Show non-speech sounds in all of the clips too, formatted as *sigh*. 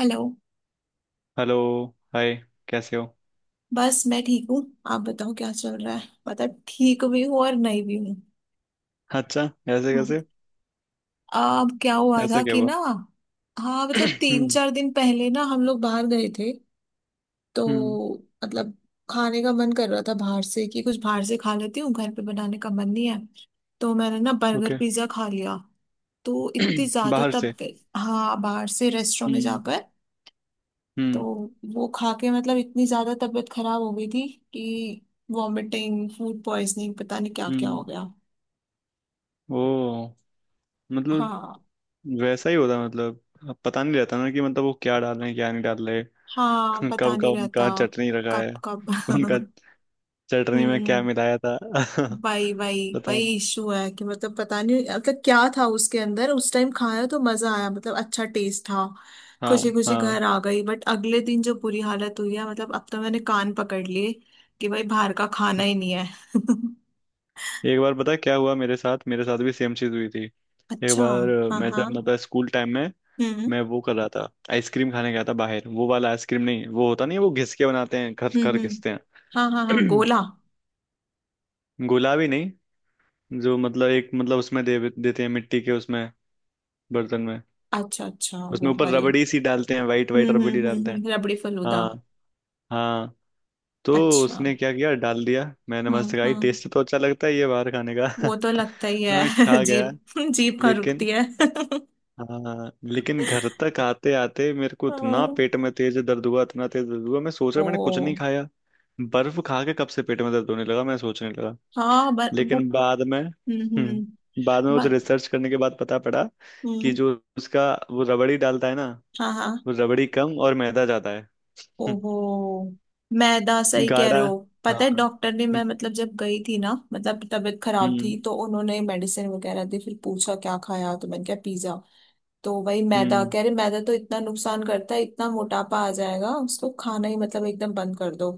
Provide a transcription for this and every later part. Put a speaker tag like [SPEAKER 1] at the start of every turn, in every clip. [SPEAKER 1] Hello.
[SPEAKER 2] Hello. Hi. कैसे हो।
[SPEAKER 1] बस मैं ठीक हूँ। आप बताओ क्या चल रहा है? पता ठीक भी हूँ और नहीं भी हूँ।
[SPEAKER 2] अच्छा। ऐसे
[SPEAKER 1] हम्म,
[SPEAKER 2] कैसे।
[SPEAKER 1] अब क्या हुआ
[SPEAKER 2] ऐसा
[SPEAKER 1] था
[SPEAKER 2] क्या
[SPEAKER 1] कि
[SPEAKER 2] हुआ।
[SPEAKER 1] ना। हाँ मतलब
[SPEAKER 2] *clears throat*
[SPEAKER 1] तीन
[SPEAKER 2] हम्म।
[SPEAKER 1] चार दिन पहले ना हम लोग बाहर गए थे।
[SPEAKER 2] हम्म।
[SPEAKER 1] तो मतलब खाने का मन कर रहा था बाहर से कि कुछ बाहर से खा लेती हूँ घर पे बनाने का मन नहीं है। तो मैंने ना बर्गर
[SPEAKER 2] ओके।
[SPEAKER 1] पिज्जा खा लिया। तो इतनी ज्यादा
[SPEAKER 2] बाहर से।
[SPEAKER 1] तब। हाँ बाहर से रेस्टोरेंट में
[SPEAKER 2] हम्म।
[SPEAKER 1] जाकर। तो
[SPEAKER 2] हम्म।
[SPEAKER 1] वो खा के मतलब इतनी ज्यादा तबीयत खराब हो गई थी कि वॉमिटिंग फूड पॉइजनिंग पता नहीं क्या क्या हो
[SPEAKER 2] हम्म।
[SPEAKER 1] गया।
[SPEAKER 2] ओ। मतलब,
[SPEAKER 1] हाँ
[SPEAKER 2] वैसा ही होता है। मतलब अब पता नहीं रहता ना कि मतलब वो क्या डाल रहे हैं, क्या नहीं डाल रहे।
[SPEAKER 1] हाँ
[SPEAKER 2] *laughs*
[SPEAKER 1] पता
[SPEAKER 2] कब का
[SPEAKER 1] नहीं रहता।
[SPEAKER 2] उनका चटनी रखा
[SPEAKER 1] कब
[SPEAKER 2] है।
[SPEAKER 1] कब
[SPEAKER 2] *laughs* उनका
[SPEAKER 1] *laughs*
[SPEAKER 2] चटनी में
[SPEAKER 1] हम्म।
[SPEAKER 2] क्या मिलाया था। *laughs*
[SPEAKER 1] वही वही।
[SPEAKER 2] पता
[SPEAKER 1] वही
[SPEAKER 2] नहीं।
[SPEAKER 1] इशू है कि मतलब पता नहीं मतलब क्या था उसके अंदर। उस टाइम खाया तो मजा आया मतलब अच्छा टेस्ट था।
[SPEAKER 2] हाँ,
[SPEAKER 1] खुशी खुशी घर
[SPEAKER 2] हाँ,
[SPEAKER 1] आ गई बट अगले दिन जो बुरी हालत हुई है मतलब अब तो मैंने कान पकड़ लिए कि भाई बाहर का खाना ही नहीं है। *laughs*
[SPEAKER 2] एक बार पता है क्या हुआ। मेरे साथ भी सेम चीज हुई थी एक
[SPEAKER 1] अच्छा।
[SPEAKER 2] बार।
[SPEAKER 1] हाँ
[SPEAKER 2] मैं जब
[SPEAKER 1] हाँ।
[SPEAKER 2] मतलब स्कूल टाइम में
[SPEAKER 1] हम्म
[SPEAKER 2] मैं वो कर रहा था, आइसक्रीम खाने गया था बाहर। वो वाला आइसक्रीम नहीं, वो होता नहीं है, वो घिस के बनाते हैं, घर घर
[SPEAKER 1] हम्म।
[SPEAKER 2] घिसते
[SPEAKER 1] हाँ हाँ हाँ
[SPEAKER 2] हैं।
[SPEAKER 1] गोला।
[SPEAKER 2] *clears throat* गुलाबी नहीं, जो मतलब एक मतलब उसमें दे देते हैं मिट्टी के उसमें बर्तन में।
[SPEAKER 1] अच्छा अच्छा
[SPEAKER 2] उसमें
[SPEAKER 1] वो
[SPEAKER 2] ऊपर
[SPEAKER 1] वाली।
[SPEAKER 2] रबड़ी सी डालते हैं, वाइट वाइट रबड़ी डालते हैं।
[SPEAKER 1] रबड़ी फलूदा।
[SPEAKER 2] हाँ, हाँ, तो
[SPEAKER 1] अच्छा।
[SPEAKER 2] उसने क्या किया, डाल दिया। मैंने मस्त खाई,
[SPEAKER 1] हम्म।
[SPEAKER 2] टेस्ट तो अच्छा लगता है ये बाहर खाने का।
[SPEAKER 1] वो तो
[SPEAKER 2] *laughs*
[SPEAKER 1] लगता ही
[SPEAKER 2] तो मैं
[SPEAKER 1] है
[SPEAKER 2] खा
[SPEAKER 1] *laughs*
[SPEAKER 2] गया,
[SPEAKER 1] जीप। जीप कहाँ
[SPEAKER 2] लेकिन
[SPEAKER 1] रुकती है *laughs*
[SPEAKER 2] हाँ, लेकिन घर तक आते आते मेरे को इतना
[SPEAKER 1] हाँ,
[SPEAKER 2] पेट में तेज दर्द हुआ, इतना तेज दर्द हुआ। मैं सोच रहा मैंने कुछ नहीं
[SPEAKER 1] ओ।
[SPEAKER 2] खाया, बर्फ खा के कब से पेट में दर्द होने लगा, मैं सोचने लगा।
[SPEAKER 1] हाँ वो।
[SPEAKER 2] लेकिन बाद में
[SPEAKER 1] हम्म।
[SPEAKER 2] हम्म, बाद में कुछ
[SPEAKER 1] बर-
[SPEAKER 2] रिसर्च करने के बाद पता पड़ा कि
[SPEAKER 1] हम्म।
[SPEAKER 2] जो उसका वो रबड़ी डालता है ना,
[SPEAKER 1] हाँ हाँ।
[SPEAKER 2] वो रबड़ी कम और मैदा ज्यादा है। हम्म,
[SPEAKER 1] ओहो। मैदा सही कह
[SPEAKER 2] गाढ़ा।
[SPEAKER 1] रहे हो। पता है
[SPEAKER 2] हाँ।
[SPEAKER 1] डॉक्टर ने मैं मतलब जब गई थी ना मतलब तबीयत खराब थी
[SPEAKER 2] हम्म।
[SPEAKER 1] तो उन्होंने मेडिसिन वगैरह दी फिर पूछा क्या खाया तो मैंने कहा पिज्जा। तो वही मैदा
[SPEAKER 2] हम्म।
[SPEAKER 1] कह रहे मैदा तो इतना नुकसान करता है इतना मोटापा आ जाएगा उसको खाना ही मतलब एकदम बंद कर दो।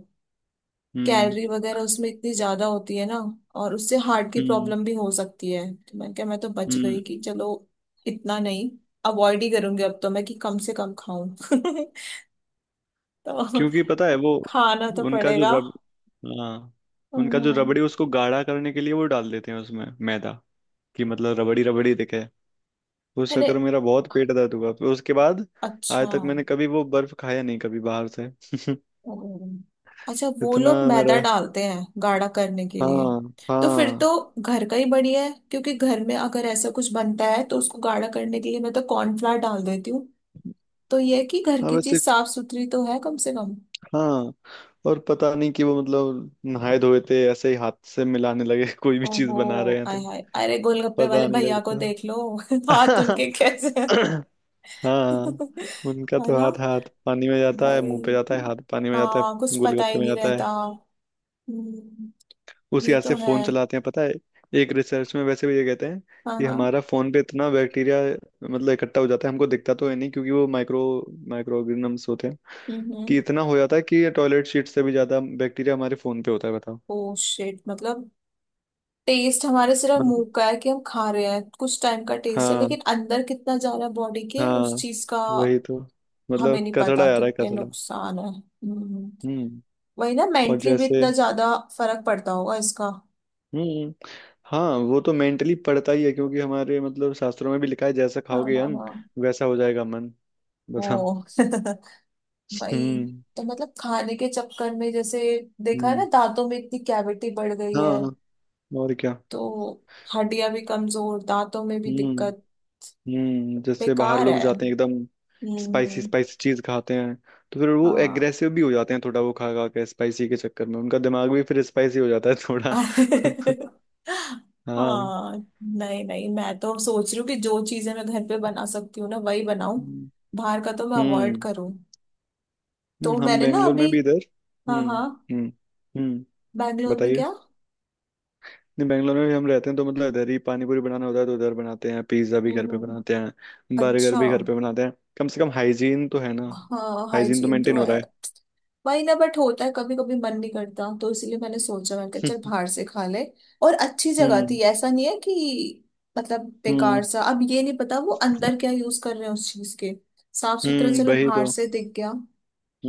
[SPEAKER 2] हम्म।
[SPEAKER 1] कैलोरी वगैरह उसमें इतनी ज्यादा होती है ना। और उससे हार्ट की
[SPEAKER 2] हम्म।
[SPEAKER 1] प्रॉब्लम भी हो सकती है तो मैंने कहा मैं तो बच गई
[SPEAKER 2] हम्म।
[SPEAKER 1] कि चलो इतना नहीं। अवॉइड ही करूंगी अब तो मैं कि कम से कम खाऊं *laughs* तो
[SPEAKER 2] क्योंकि पता है वो
[SPEAKER 1] खाना तो
[SPEAKER 2] उनका जो
[SPEAKER 1] पड़ेगा।
[SPEAKER 2] रब, हाँ, उनका जो
[SPEAKER 1] हम्म,
[SPEAKER 2] रबड़ी उसको गाढ़ा करने के लिए वो डाल देते हैं उसमें मैदा, कि मतलब रबड़ी रबड़ी दिखे। उस
[SPEAKER 1] अरे
[SPEAKER 2] चक्कर में मेरा बहुत पेट दर्द हुआ। फिर उसके बाद आज
[SPEAKER 1] अच्छा।
[SPEAKER 2] तक मैंने कभी वो बर्फ खाया नहीं, कभी बाहर से। *laughs*
[SPEAKER 1] ओह। अच्छा वो
[SPEAKER 2] इतना
[SPEAKER 1] लोग मैदा
[SPEAKER 2] मेरा।
[SPEAKER 1] डालते हैं गाढ़ा करने के लिए।
[SPEAKER 2] हाँ,
[SPEAKER 1] तो फिर तो
[SPEAKER 2] हाँ,
[SPEAKER 1] घर का ही बढ़िया है क्योंकि घर में अगर ऐसा कुछ बनता है तो उसको गाढ़ा करने के लिए मैं तो कॉर्नफ्लावर डाल देती हूँ। तो ये है कि घर
[SPEAKER 2] हाँ,
[SPEAKER 1] की
[SPEAKER 2] वैसे,
[SPEAKER 1] चीज साफ सुथरी तो है कम से कम।
[SPEAKER 2] हाँ। और पता नहीं कि वो मतलब नहाए धोए थे, ऐसे ही हाथ से मिलाने लगे *laughs* कोई भी चीज
[SPEAKER 1] ओहो
[SPEAKER 2] बना रहे हैं
[SPEAKER 1] आय
[SPEAKER 2] तो।
[SPEAKER 1] हाय अरे गोलगप्पे वाले
[SPEAKER 2] पता नहीं
[SPEAKER 1] भैया को
[SPEAKER 2] लगता।
[SPEAKER 1] देख लो *laughs* हाथ उनके कैसे हैं।
[SPEAKER 2] *laughs* हाँ,
[SPEAKER 1] *laughs*
[SPEAKER 2] उनका
[SPEAKER 1] है
[SPEAKER 2] तो
[SPEAKER 1] ना
[SPEAKER 2] हाथ, हाथ पानी में जाता है, मुंह पे जाता
[SPEAKER 1] भाई।
[SPEAKER 2] है, हाथ पानी में जाता
[SPEAKER 1] हाँ कुछ
[SPEAKER 2] है,
[SPEAKER 1] पता ही
[SPEAKER 2] गोलगप्पे में
[SPEAKER 1] नहीं
[SPEAKER 2] जाता
[SPEAKER 1] रहता।
[SPEAKER 2] है।
[SPEAKER 1] हम्म,
[SPEAKER 2] उसी
[SPEAKER 1] ये
[SPEAKER 2] हाथ से
[SPEAKER 1] तो है।
[SPEAKER 2] फोन चलाते हैं पता है। एक रिसर्च में वैसे भी ये कहते हैं
[SPEAKER 1] हाँ
[SPEAKER 2] कि
[SPEAKER 1] हाँ।
[SPEAKER 2] हमारा फोन पे इतना बैक्टीरिया मतलब इकट्ठा हो जाता है, हमको दिखता तो है नहीं, क्योंकि वो माइक्रो माइक्रो ऑर्गेनिजम्स होते हैं,
[SPEAKER 1] हम्म।
[SPEAKER 2] कि इतना हो जाता है कि टॉयलेट सीट से भी ज्यादा बैक्टीरिया हमारे फोन पे होता है, बताओ।
[SPEAKER 1] ओ शिट मतलब। टेस्ट हमारे सिर्फ मुंह
[SPEAKER 2] मतलब,
[SPEAKER 1] का है कि हम खा रहे हैं कुछ टाइम का टेस्ट है
[SPEAKER 2] हाँ,
[SPEAKER 1] लेकिन अंदर कितना जा रहा है बॉडी के
[SPEAKER 2] हाँ,
[SPEAKER 1] उस चीज का।
[SPEAKER 2] वही तो,
[SPEAKER 1] हमें
[SPEAKER 2] मतलब
[SPEAKER 1] नहीं
[SPEAKER 2] कचड़ा
[SPEAKER 1] पता
[SPEAKER 2] आ रहा है,
[SPEAKER 1] कितने
[SPEAKER 2] कचड़ा।
[SPEAKER 1] नुकसान है हम्म।
[SPEAKER 2] हम्म।
[SPEAKER 1] वही ना
[SPEAKER 2] और
[SPEAKER 1] मेंटली भी
[SPEAKER 2] जैसे,
[SPEAKER 1] इतना ज्यादा फर्क पड़ता होगा इसका।
[SPEAKER 2] हम्म, हाँ, वो तो मेंटली पड़ता ही है, क्योंकि हमारे मतलब शास्त्रों में भी लिखा है, जैसा
[SPEAKER 1] हाँ
[SPEAKER 2] खाओगे
[SPEAKER 1] हाँ
[SPEAKER 2] अन्न,
[SPEAKER 1] हाँ।
[SPEAKER 2] वैसा हो जाएगा मन, बताओ।
[SPEAKER 1] ओ *laughs* भाई।
[SPEAKER 2] हम्म।
[SPEAKER 1] तो मतलब खाने के चक्कर में जैसे देखा है ना
[SPEAKER 2] हम्म।
[SPEAKER 1] दांतों में इतनी कैविटी बढ़ गई है।
[SPEAKER 2] हाँ, और क्या।
[SPEAKER 1] तो हड्डियां भी कमजोर दांतों में भी
[SPEAKER 2] हम्म।
[SPEAKER 1] दिक्कत।
[SPEAKER 2] हम्म, जैसे बाहर
[SPEAKER 1] बेकार है।
[SPEAKER 2] लोग जाते हैं एकदम स्पाइसी
[SPEAKER 1] हम्म।
[SPEAKER 2] स्पाइसी चीज खाते हैं, तो फिर वो
[SPEAKER 1] हाँ
[SPEAKER 2] एग्रेसिव भी हो जाते हैं थोड़ा। वो खा खा के स्पाइसी के चक्कर में उनका दिमाग भी फिर स्पाइसी हो जाता है थोड़ा।
[SPEAKER 1] *laughs*
[SPEAKER 2] *laughs* हाँ।
[SPEAKER 1] हाँ नहीं नहीं मैं तो सोच रही हूँ कि जो चीजें मैं घर पे बना सकती हूँ ना वही बनाऊं।
[SPEAKER 2] हम्म।
[SPEAKER 1] बाहर का तो मैं अवॉइड
[SPEAKER 2] हम्म,
[SPEAKER 1] करूँ। तो
[SPEAKER 2] हम
[SPEAKER 1] मैंने ना
[SPEAKER 2] बेंगलोर
[SPEAKER 1] अभी।
[SPEAKER 2] में भी इधर।
[SPEAKER 1] हाँ
[SPEAKER 2] हम्म।
[SPEAKER 1] हाँ।
[SPEAKER 2] हम्म। हम्म।
[SPEAKER 1] बैंगलोर में
[SPEAKER 2] बताइए।
[SPEAKER 1] क्या?
[SPEAKER 2] नहीं, बेंगलोर में भी हम रहते हैं, तो मतलब इधर ही पानी पूरी बनाना होता है, तो उधर बनाते हैं, पिज्जा भी
[SPEAKER 1] हम्म
[SPEAKER 2] घर पे
[SPEAKER 1] हम्म,
[SPEAKER 2] बनाते हैं, बर्गर
[SPEAKER 1] अच्छा।
[SPEAKER 2] भी घर पे बनाते हैं। कम से कम हाइजीन तो है ना।
[SPEAKER 1] हाँ
[SPEAKER 2] हाइजीन तो
[SPEAKER 1] हाइजीन तो
[SPEAKER 2] मेंटेन हो रहा
[SPEAKER 1] है।
[SPEAKER 2] है।
[SPEAKER 1] वही ना बट होता है कभी कभी मन नहीं करता तो इसलिए मैंने सोचा मैं कि चल
[SPEAKER 2] *laughs*
[SPEAKER 1] बाहर से खा ले। और अच्छी जगह थी
[SPEAKER 2] हम्म।
[SPEAKER 1] ऐसा नहीं है कि मतलब
[SPEAKER 2] हम्म।
[SPEAKER 1] बेकार सा अब ये नहीं पता वो अंदर क्या यूज कर रहे हैं उस चीज के। साफ सुथरा
[SPEAKER 2] हम्म,
[SPEAKER 1] चलो
[SPEAKER 2] वही
[SPEAKER 1] बाहर
[SPEAKER 2] तो।
[SPEAKER 1] से दिख गया।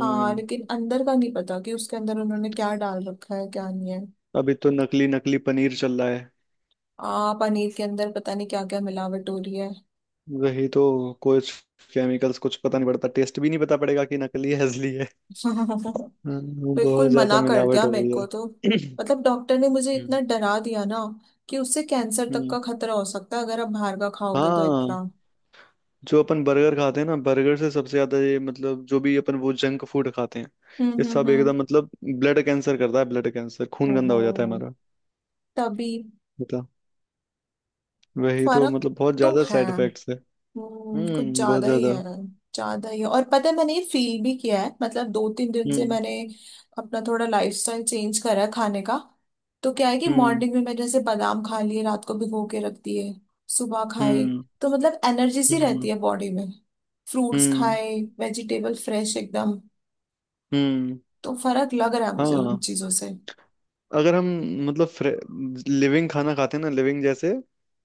[SPEAKER 1] हाँ लेकिन अंदर का नहीं पता कि उसके अंदर उन्होंने क्या डाल रखा है क्या नहीं है।
[SPEAKER 2] अभी तो नकली नकली पनीर चल रहा है।
[SPEAKER 1] आ पनीर के अंदर पता नहीं क्या क्या मिलावट हो रही है।
[SPEAKER 2] वही तो। कुछ केमिकल्स कुछ, पता नहीं पड़ता, टेस्ट भी नहीं पता पड़ेगा कि नकली है असली है।
[SPEAKER 1] *laughs* बिल्कुल
[SPEAKER 2] बहुत ज्यादा
[SPEAKER 1] मना कर
[SPEAKER 2] मिलावट
[SPEAKER 1] दिया
[SPEAKER 2] हो
[SPEAKER 1] मेरे
[SPEAKER 2] गई
[SPEAKER 1] को
[SPEAKER 2] है।
[SPEAKER 1] तो। मतलब डॉक्टर ने मुझे इतना
[SPEAKER 2] हम्म।
[SPEAKER 1] डरा दिया ना कि उससे कैंसर तक
[SPEAKER 2] हम्म।
[SPEAKER 1] का खतरा हो सकता है अगर आप बाहर का खाओगे तो
[SPEAKER 2] हाँ,
[SPEAKER 1] इतना।
[SPEAKER 2] जो अपन बर्गर खाते हैं ना, बर्गर से सबसे ज्यादा ये मतलब जो भी अपन वो जंक फूड खाते हैं, ये
[SPEAKER 1] हम्म
[SPEAKER 2] सब
[SPEAKER 1] हम्म
[SPEAKER 2] एकदम मतलब ब्लड कैंसर करता है। ब्लड कैंसर, खून
[SPEAKER 1] हम्म
[SPEAKER 2] गंदा हो जाता है
[SPEAKER 1] हम्म।
[SPEAKER 2] हमारा।
[SPEAKER 1] तभी।
[SPEAKER 2] बता, वही तो,
[SPEAKER 1] फर्क
[SPEAKER 2] मतलब बहुत
[SPEAKER 1] तो
[SPEAKER 2] ज्यादा
[SPEAKER 1] है।
[SPEAKER 2] साइड इफेक्ट्स है।
[SPEAKER 1] कुछ
[SPEAKER 2] हम्म, बहुत
[SPEAKER 1] ज्यादा ही
[SPEAKER 2] ज्यादा।
[SPEAKER 1] है। ज्यादा ही है और पता है मैंने ये फील भी किया है मतलब दो तीन दिन से
[SPEAKER 2] हम्म।
[SPEAKER 1] मैंने अपना थोड़ा लाइफस्टाइल चेंज करा है खाने का। तो क्या है कि
[SPEAKER 2] हम्म।
[SPEAKER 1] मॉर्निंग में मैंने जैसे बादाम खा लिए रात को भिगो के रख दिए सुबह खाए।
[SPEAKER 2] हम्म।
[SPEAKER 1] तो मतलब एनर्जी सी रहती
[SPEAKER 2] हम्म।
[SPEAKER 1] है बॉडी में फ्रूट्स
[SPEAKER 2] हम्म।
[SPEAKER 1] खाए वेजिटेबल फ्रेश एकदम।
[SPEAKER 2] हम्म।
[SPEAKER 1] तो फर्क लग रहा है मुझे उन
[SPEAKER 2] हाँ,
[SPEAKER 1] चीजों से।
[SPEAKER 2] अगर हम मतलब लिविंग खाना खाते हैं ना, लिविंग जैसे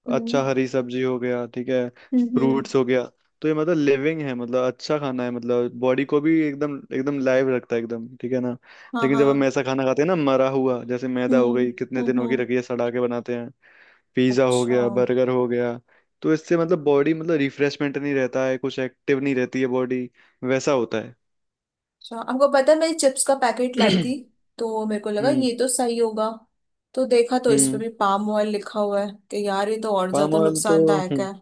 [SPEAKER 1] हम्म
[SPEAKER 2] अच्छा हरी सब्जी हो गया, ठीक है,
[SPEAKER 1] हम्म हम्म,
[SPEAKER 2] फ्रूट्स हो गया, तो ये मतलब लिविंग है, मतलब अच्छा खाना है, मतलब बॉडी को भी एकदम एकदम लाइव रखता है, एकदम ठीक है ना।
[SPEAKER 1] हाँ
[SPEAKER 2] लेकिन जब हम
[SPEAKER 1] हाँ।
[SPEAKER 2] ऐसा खाना खाते हैं ना, मरा हुआ, जैसे मैदा हो
[SPEAKER 1] हम्म
[SPEAKER 2] गई, कितने
[SPEAKER 1] हम्म
[SPEAKER 2] दिनों की
[SPEAKER 1] हम्म,
[SPEAKER 2] रखी है, सड़ा के बनाते हैं, पिज्ज़ा हो
[SPEAKER 1] अच्छा
[SPEAKER 2] गया, बर्गर हो गया, तो इससे मतलब बॉडी मतलब रिफ्रेशमेंट नहीं रहता है, कुछ एक्टिव नहीं रहती है बॉडी, वैसा होता है।
[SPEAKER 1] अच्छा। आपको पता है मैं चिप्स का पैकेट लाई थी।
[SPEAKER 2] *clears throat*
[SPEAKER 1] तो मेरे को लगा
[SPEAKER 2] हम्म।
[SPEAKER 1] ये तो सही होगा। तो देखा तो इस पे
[SPEAKER 2] हम्म।
[SPEAKER 1] भी पाम ऑयल लिखा हुआ है कि यार ये तो और
[SPEAKER 2] पाम
[SPEAKER 1] ज्यादा
[SPEAKER 2] ऑयल तो
[SPEAKER 1] नुकसानदायक
[SPEAKER 2] हम्म,
[SPEAKER 1] है।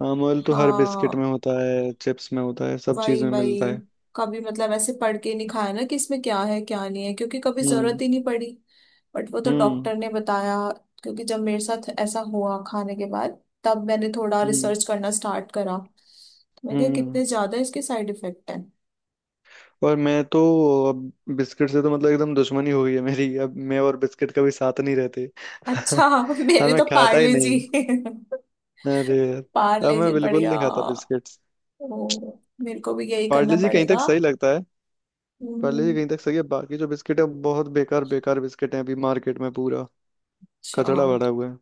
[SPEAKER 2] पाम ऑयल तो हर बिस्किट में
[SPEAKER 1] हाँ
[SPEAKER 2] होता है, चिप्स में होता है, सब चीज
[SPEAKER 1] भाई
[SPEAKER 2] में
[SPEAKER 1] भाई।
[SPEAKER 2] मिलता है।
[SPEAKER 1] कभी मतलब ऐसे पढ़ के नहीं खाया ना कि इसमें क्या है क्या नहीं है क्योंकि कभी जरूरत
[SPEAKER 2] हम्म।
[SPEAKER 1] ही नहीं पड़ी। बट वो तो
[SPEAKER 2] हम्म।
[SPEAKER 1] डॉक्टर ने बताया क्योंकि जब मेरे साथ ऐसा हुआ खाने के बाद तब मैंने थोड़ा
[SPEAKER 2] हम्म।
[SPEAKER 1] रिसर्च करना स्टार्ट करा तो मैं क्या
[SPEAKER 2] हम्म।
[SPEAKER 1] कितने ज्यादा इसके साइड इफेक्ट हैं।
[SPEAKER 2] और मैं तो अब बिस्किट से तो मतलब एकदम दुश्मनी हो गई है मेरी, अब मैं और बिस्किट कभी साथ नहीं रहते। *laughs*
[SPEAKER 1] अच्छा *laughs*
[SPEAKER 2] अब
[SPEAKER 1] मेरे
[SPEAKER 2] मैं
[SPEAKER 1] तो
[SPEAKER 2] खाता ही
[SPEAKER 1] पार्ले जी
[SPEAKER 2] नहीं।
[SPEAKER 1] *laughs*
[SPEAKER 2] अरे यार, अब
[SPEAKER 1] पार्ले
[SPEAKER 2] मैं
[SPEAKER 1] जी
[SPEAKER 2] बिल्कुल
[SPEAKER 1] बढ़िया।
[SPEAKER 2] नहीं खाता बिस्किट्स।
[SPEAKER 1] ओ, मेरे को भी यही करना
[SPEAKER 2] पार्ले जी कहीं तक
[SPEAKER 1] पड़ेगा।
[SPEAKER 2] सही लगता है। पार्ले जी
[SPEAKER 1] हम्म,
[SPEAKER 2] कहीं तक सही है, बाकी जो बिस्किट है बहुत बेकार बेकार बिस्किट है अभी मार्केट में, पूरा
[SPEAKER 1] अच्छा।
[SPEAKER 2] कचड़ा भरा हुआ है।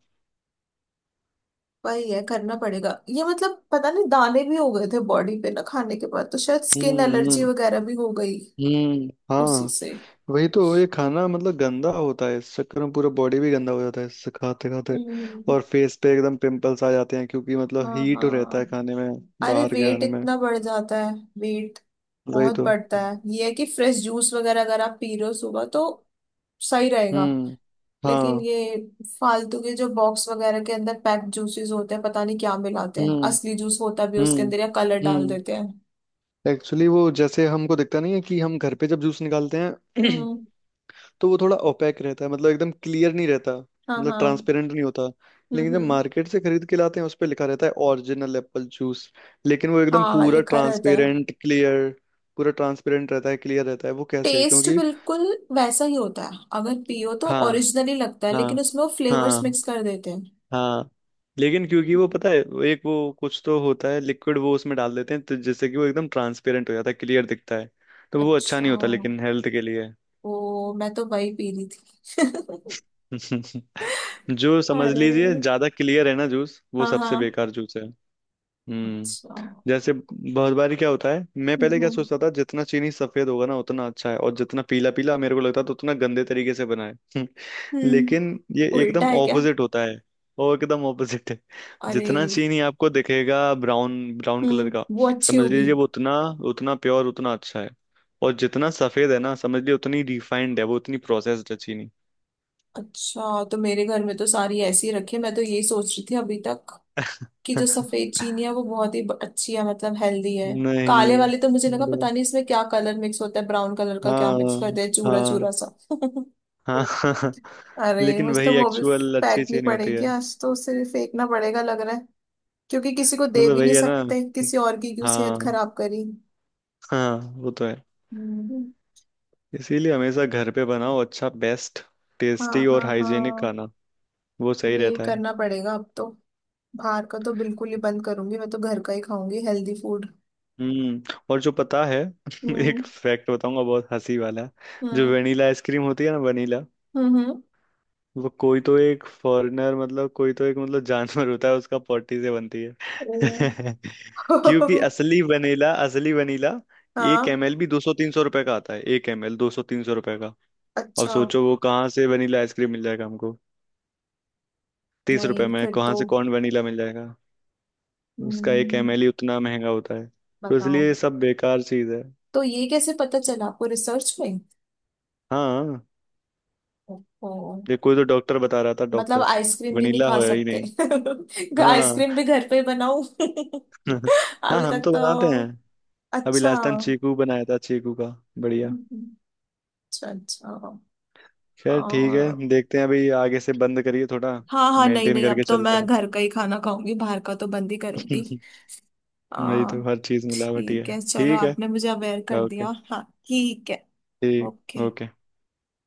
[SPEAKER 1] वही है करना पड़ेगा ये मतलब पता नहीं दाने भी हो गए थे बॉडी पे ना खाने के बाद तो शायद स्किन
[SPEAKER 2] हम्म।
[SPEAKER 1] एलर्जी
[SPEAKER 2] हम्म।
[SPEAKER 1] वगैरह भी हो गई
[SPEAKER 2] हम्म।
[SPEAKER 1] उसी
[SPEAKER 2] हाँ,
[SPEAKER 1] से।
[SPEAKER 2] वही तो, ये खाना मतलब गंदा होता है, इस चक्कर में पूरा बॉडी भी गंदा हो जाता है इससे, खाते खाते।
[SPEAKER 1] हम्म
[SPEAKER 2] और फेस पे एकदम पिंपल्स आ जाते हैं, क्योंकि मतलब
[SPEAKER 1] हाँ
[SPEAKER 2] हीट रहता है
[SPEAKER 1] हाँ।
[SPEAKER 2] खाने में,
[SPEAKER 1] अरे
[SPEAKER 2] बाहर के
[SPEAKER 1] वेट
[SPEAKER 2] खाने में।
[SPEAKER 1] इतना बढ़ जाता है वेट
[SPEAKER 2] वही
[SPEAKER 1] बहुत
[SPEAKER 2] तो।
[SPEAKER 1] बढ़ता है ये है कि फ्रेश जूस वगैरह अगर आप पी रहे हो सुबह तो सही रहेगा।
[SPEAKER 2] हम्म।
[SPEAKER 1] लेकिन
[SPEAKER 2] हाँ।
[SPEAKER 1] ये फालतू के जो बॉक्स वगैरह के अंदर पैक्ड जूसेस होते हैं पता नहीं क्या मिलाते हैं
[SPEAKER 2] हम्म।
[SPEAKER 1] असली जूस होता भी है उसके
[SPEAKER 2] हम्म।
[SPEAKER 1] अंदर या कलर डाल
[SPEAKER 2] हम्म,
[SPEAKER 1] देते हैं।
[SPEAKER 2] एक्चुअली वो जैसे हमको दिखता नहीं है कि हम घर पे जब जूस निकालते हैं,
[SPEAKER 1] हम्म
[SPEAKER 2] *clears throat* तो वो थोड़ा ओपेक रहता है, मतलब एकदम क्लियर नहीं रहता,
[SPEAKER 1] हाँ
[SPEAKER 2] मतलब
[SPEAKER 1] हाँ
[SPEAKER 2] ट्रांसपेरेंट नहीं होता। लेकिन जब
[SPEAKER 1] हम्म।
[SPEAKER 2] मार्केट से खरीद के लाते हैं, उस पर लिखा रहता है ओरिजिनल एप्पल जूस, लेकिन वो एकदम
[SPEAKER 1] हाँ
[SPEAKER 2] पूरा
[SPEAKER 1] लिखा रहता है।
[SPEAKER 2] ट्रांसपेरेंट क्लियर, पूरा ट्रांसपेरेंट रहता है, क्लियर रहता है, वो कैसे,
[SPEAKER 1] टेस्ट
[SPEAKER 2] क्योंकि
[SPEAKER 1] बिल्कुल वैसा ही होता है अगर पियो तो
[SPEAKER 2] हाँ,
[SPEAKER 1] ओरिजिनली लगता है लेकिन
[SPEAKER 2] हाँ,
[SPEAKER 1] उसमें वो फ्लेवर्स
[SPEAKER 2] हाँ,
[SPEAKER 1] मिक्स कर देते हैं।
[SPEAKER 2] हाँ, लेकिन क्योंकि वो पता है वो एक वो कुछ तो होता है लिक्विड, वो उसमें डाल देते हैं, तो जिससे कि वो एकदम ट्रांसपेरेंट हो जाता है, क्लियर दिखता है। तो वो अच्छा नहीं
[SPEAKER 1] अच्छा
[SPEAKER 2] होता लेकिन हेल्थ के लिए।
[SPEAKER 1] ओ मैं तो वही पी रही थी
[SPEAKER 2] *laughs*
[SPEAKER 1] *laughs*
[SPEAKER 2] जो समझ
[SPEAKER 1] अरे
[SPEAKER 2] लीजिए ज्यादा क्लियर है ना जूस, वो
[SPEAKER 1] हाँ
[SPEAKER 2] सबसे
[SPEAKER 1] हाँ।
[SPEAKER 2] बेकार जूस है। हम्म।
[SPEAKER 1] अच्छा।
[SPEAKER 2] जैसे बहुत बार क्या होता है, मैं पहले
[SPEAKER 1] हम्म
[SPEAKER 2] क्या
[SPEAKER 1] हम्म
[SPEAKER 2] सोचता था, जितना चीनी सफेद होगा ना, उतना अच्छा है, और जितना पीला पीला मेरे को लगता था उतना गंदे तरीके से बना है। *laughs*
[SPEAKER 1] हम्म,
[SPEAKER 2] लेकिन ये
[SPEAKER 1] उल्टा
[SPEAKER 2] एकदम
[SPEAKER 1] है क्या?
[SPEAKER 2] ऑपोजिट होता है, और एकदम ऑपोजिट है।
[SPEAKER 1] अरे।
[SPEAKER 2] जितना चीनी आपको दिखेगा ब्राउन ब्राउन कलर का,
[SPEAKER 1] वो अच्छी
[SPEAKER 2] समझ
[SPEAKER 1] होगी।
[SPEAKER 2] लीजिए वो उतना, उतना प्योर, उतना अच्छा है। और जितना सफेद है ना, समझ लीजिए उतनी रिफाइंड है, वो उतनी प्रोसेस्ड है चीनी।
[SPEAKER 1] अच्छा तो मेरे घर में तो सारी ऐसी रखी है मैं तो यही सोच रही थी अभी तक कि जो
[SPEAKER 2] *laughs*
[SPEAKER 1] सफेद चीनी है वो बहुत ही अच्छी है मतलब हेल्दी है। काले
[SPEAKER 2] नहीं,
[SPEAKER 1] वाले तो मुझे लगा
[SPEAKER 2] ब-
[SPEAKER 1] पता नहीं इसमें क्या कलर मिक्स होता है ब्राउन कलर का क्या मिक्स
[SPEAKER 2] हाँ,
[SPEAKER 1] करते हैं चूरा
[SPEAKER 2] हाँ,
[SPEAKER 1] चूरा सा
[SPEAKER 2] हाँ।
[SPEAKER 1] *laughs*
[SPEAKER 2] *laughs*
[SPEAKER 1] अरे
[SPEAKER 2] लेकिन
[SPEAKER 1] मुझे तो
[SPEAKER 2] वही
[SPEAKER 1] वो भी
[SPEAKER 2] एक्चुअल अच्छी चीज
[SPEAKER 1] फेंकनी
[SPEAKER 2] नहीं होती
[SPEAKER 1] पड़ेगी
[SPEAKER 2] है।
[SPEAKER 1] आज तो उसे भी फेंकना पड़ेगा लग रहा है क्योंकि किसी को दे
[SPEAKER 2] मतलब
[SPEAKER 1] भी
[SPEAKER 2] वही
[SPEAKER 1] नहीं
[SPEAKER 2] है ना।
[SPEAKER 1] सकते किसी और की क्यों सेहत
[SPEAKER 2] हाँ,
[SPEAKER 1] खराब करी।
[SPEAKER 2] हाँ, वो तो है।
[SPEAKER 1] हम्म,
[SPEAKER 2] इसीलिए हमेशा घर पे बनाओ, अच्छा बेस्ट
[SPEAKER 1] हाँ
[SPEAKER 2] टेस्टी और
[SPEAKER 1] हाँ
[SPEAKER 2] हाइजीनिक
[SPEAKER 1] हाँ
[SPEAKER 2] खाना, वो सही
[SPEAKER 1] यही
[SPEAKER 2] रहता है।
[SPEAKER 1] करना पड़ेगा अब तो। बाहर का तो बिल्कुल ही बंद करूंगी मैं तो घर का ही खाऊंगी हेल्दी फूड।
[SPEAKER 2] हम्म। और जो पता है *laughs*
[SPEAKER 1] हम्म
[SPEAKER 2] एक फैक्ट बताऊंगा, बहुत हंसी वाला। जो
[SPEAKER 1] हम्म
[SPEAKER 2] वनीला आइसक्रीम होती है ना, वनीला,
[SPEAKER 1] हम्म।
[SPEAKER 2] वो कोई तो एक फॉरेनर मतलब कोई तो एक मतलब जानवर होता है, उसका पॉटी से बनती है।
[SPEAKER 1] ओ
[SPEAKER 2] *laughs* क्योंकि
[SPEAKER 1] *laughs*
[SPEAKER 2] असली वनीला, असली वनीला
[SPEAKER 1] हाँ।
[SPEAKER 2] 1 ML भी 200-300 रुपए का आता है। एक एमएल 200-300 रुपए का। अब
[SPEAKER 1] अच्छा।
[SPEAKER 2] सोचो वो कहाँ से वनीला आइसक्रीम मिल जाएगा हमको, 30 रुपए
[SPEAKER 1] नहीं
[SPEAKER 2] में
[SPEAKER 1] फिर
[SPEAKER 2] कहाँ
[SPEAKER 1] तो।
[SPEAKER 2] से कौन वनीला मिल जाएगा। उसका
[SPEAKER 1] हम्म,
[SPEAKER 2] 1 ML ही उतना महंगा होता है। तो
[SPEAKER 1] बताओ
[SPEAKER 2] इसलिए ये सब बेकार चीज है।
[SPEAKER 1] तो ये कैसे पता चला आपको रिसर्च में?
[SPEAKER 2] हाँ,
[SPEAKER 1] ओ
[SPEAKER 2] ये कोई तो डॉक्टर बता रहा था,
[SPEAKER 1] मतलब
[SPEAKER 2] डॉक्टर।
[SPEAKER 1] आइसक्रीम भी नहीं
[SPEAKER 2] वनीला
[SPEAKER 1] खा
[SPEAKER 2] हो ही
[SPEAKER 1] सकते।
[SPEAKER 2] नहीं।
[SPEAKER 1] *laughs*
[SPEAKER 2] हाँ।
[SPEAKER 1] आइसक्रीम भी घर पे बनाऊं
[SPEAKER 2] *laughs*
[SPEAKER 1] *laughs*
[SPEAKER 2] हाँ,
[SPEAKER 1] अभी
[SPEAKER 2] हम
[SPEAKER 1] तक
[SPEAKER 2] तो बनाते हैं।
[SPEAKER 1] तो।
[SPEAKER 2] अभी
[SPEAKER 1] अच्छा
[SPEAKER 2] लास्ट टाइम चीकू बनाया था, चीकू का। बढ़िया।
[SPEAKER 1] अच्छा अच्छा।
[SPEAKER 2] खैर ठीक
[SPEAKER 1] आ,
[SPEAKER 2] है, देखते हैं, अभी आगे से बंद करिए थोड़ा,
[SPEAKER 1] हाँ हाँ नहीं
[SPEAKER 2] मेंटेन
[SPEAKER 1] नहीं अब
[SPEAKER 2] करके
[SPEAKER 1] तो मैं
[SPEAKER 2] चलते हैं।
[SPEAKER 1] घर का ही खाना खाऊंगी बाहर का तो बंद ही करूंगी।
[SPEAKER 2] *laughs* वही
[SPEAKER 1] आ,
[SPEAKER 2] तो, हर चीज मिलावटी
[SPEAKER 1] ठीक
[SPEAKER 2] है।
[SPEAKER 1] है चलो
[SPEAKER 2] ठीक है।
[SPEAKER 1] आपने मुझे अवेयर कर
[SPEAKER 2] ओके।
[SPEAKER 1] दिया हाँ ठीक है।
[SPEAKER 2] ठीक।
[SPEAKER 1] ओके।
[SPEAKER 2] ओके।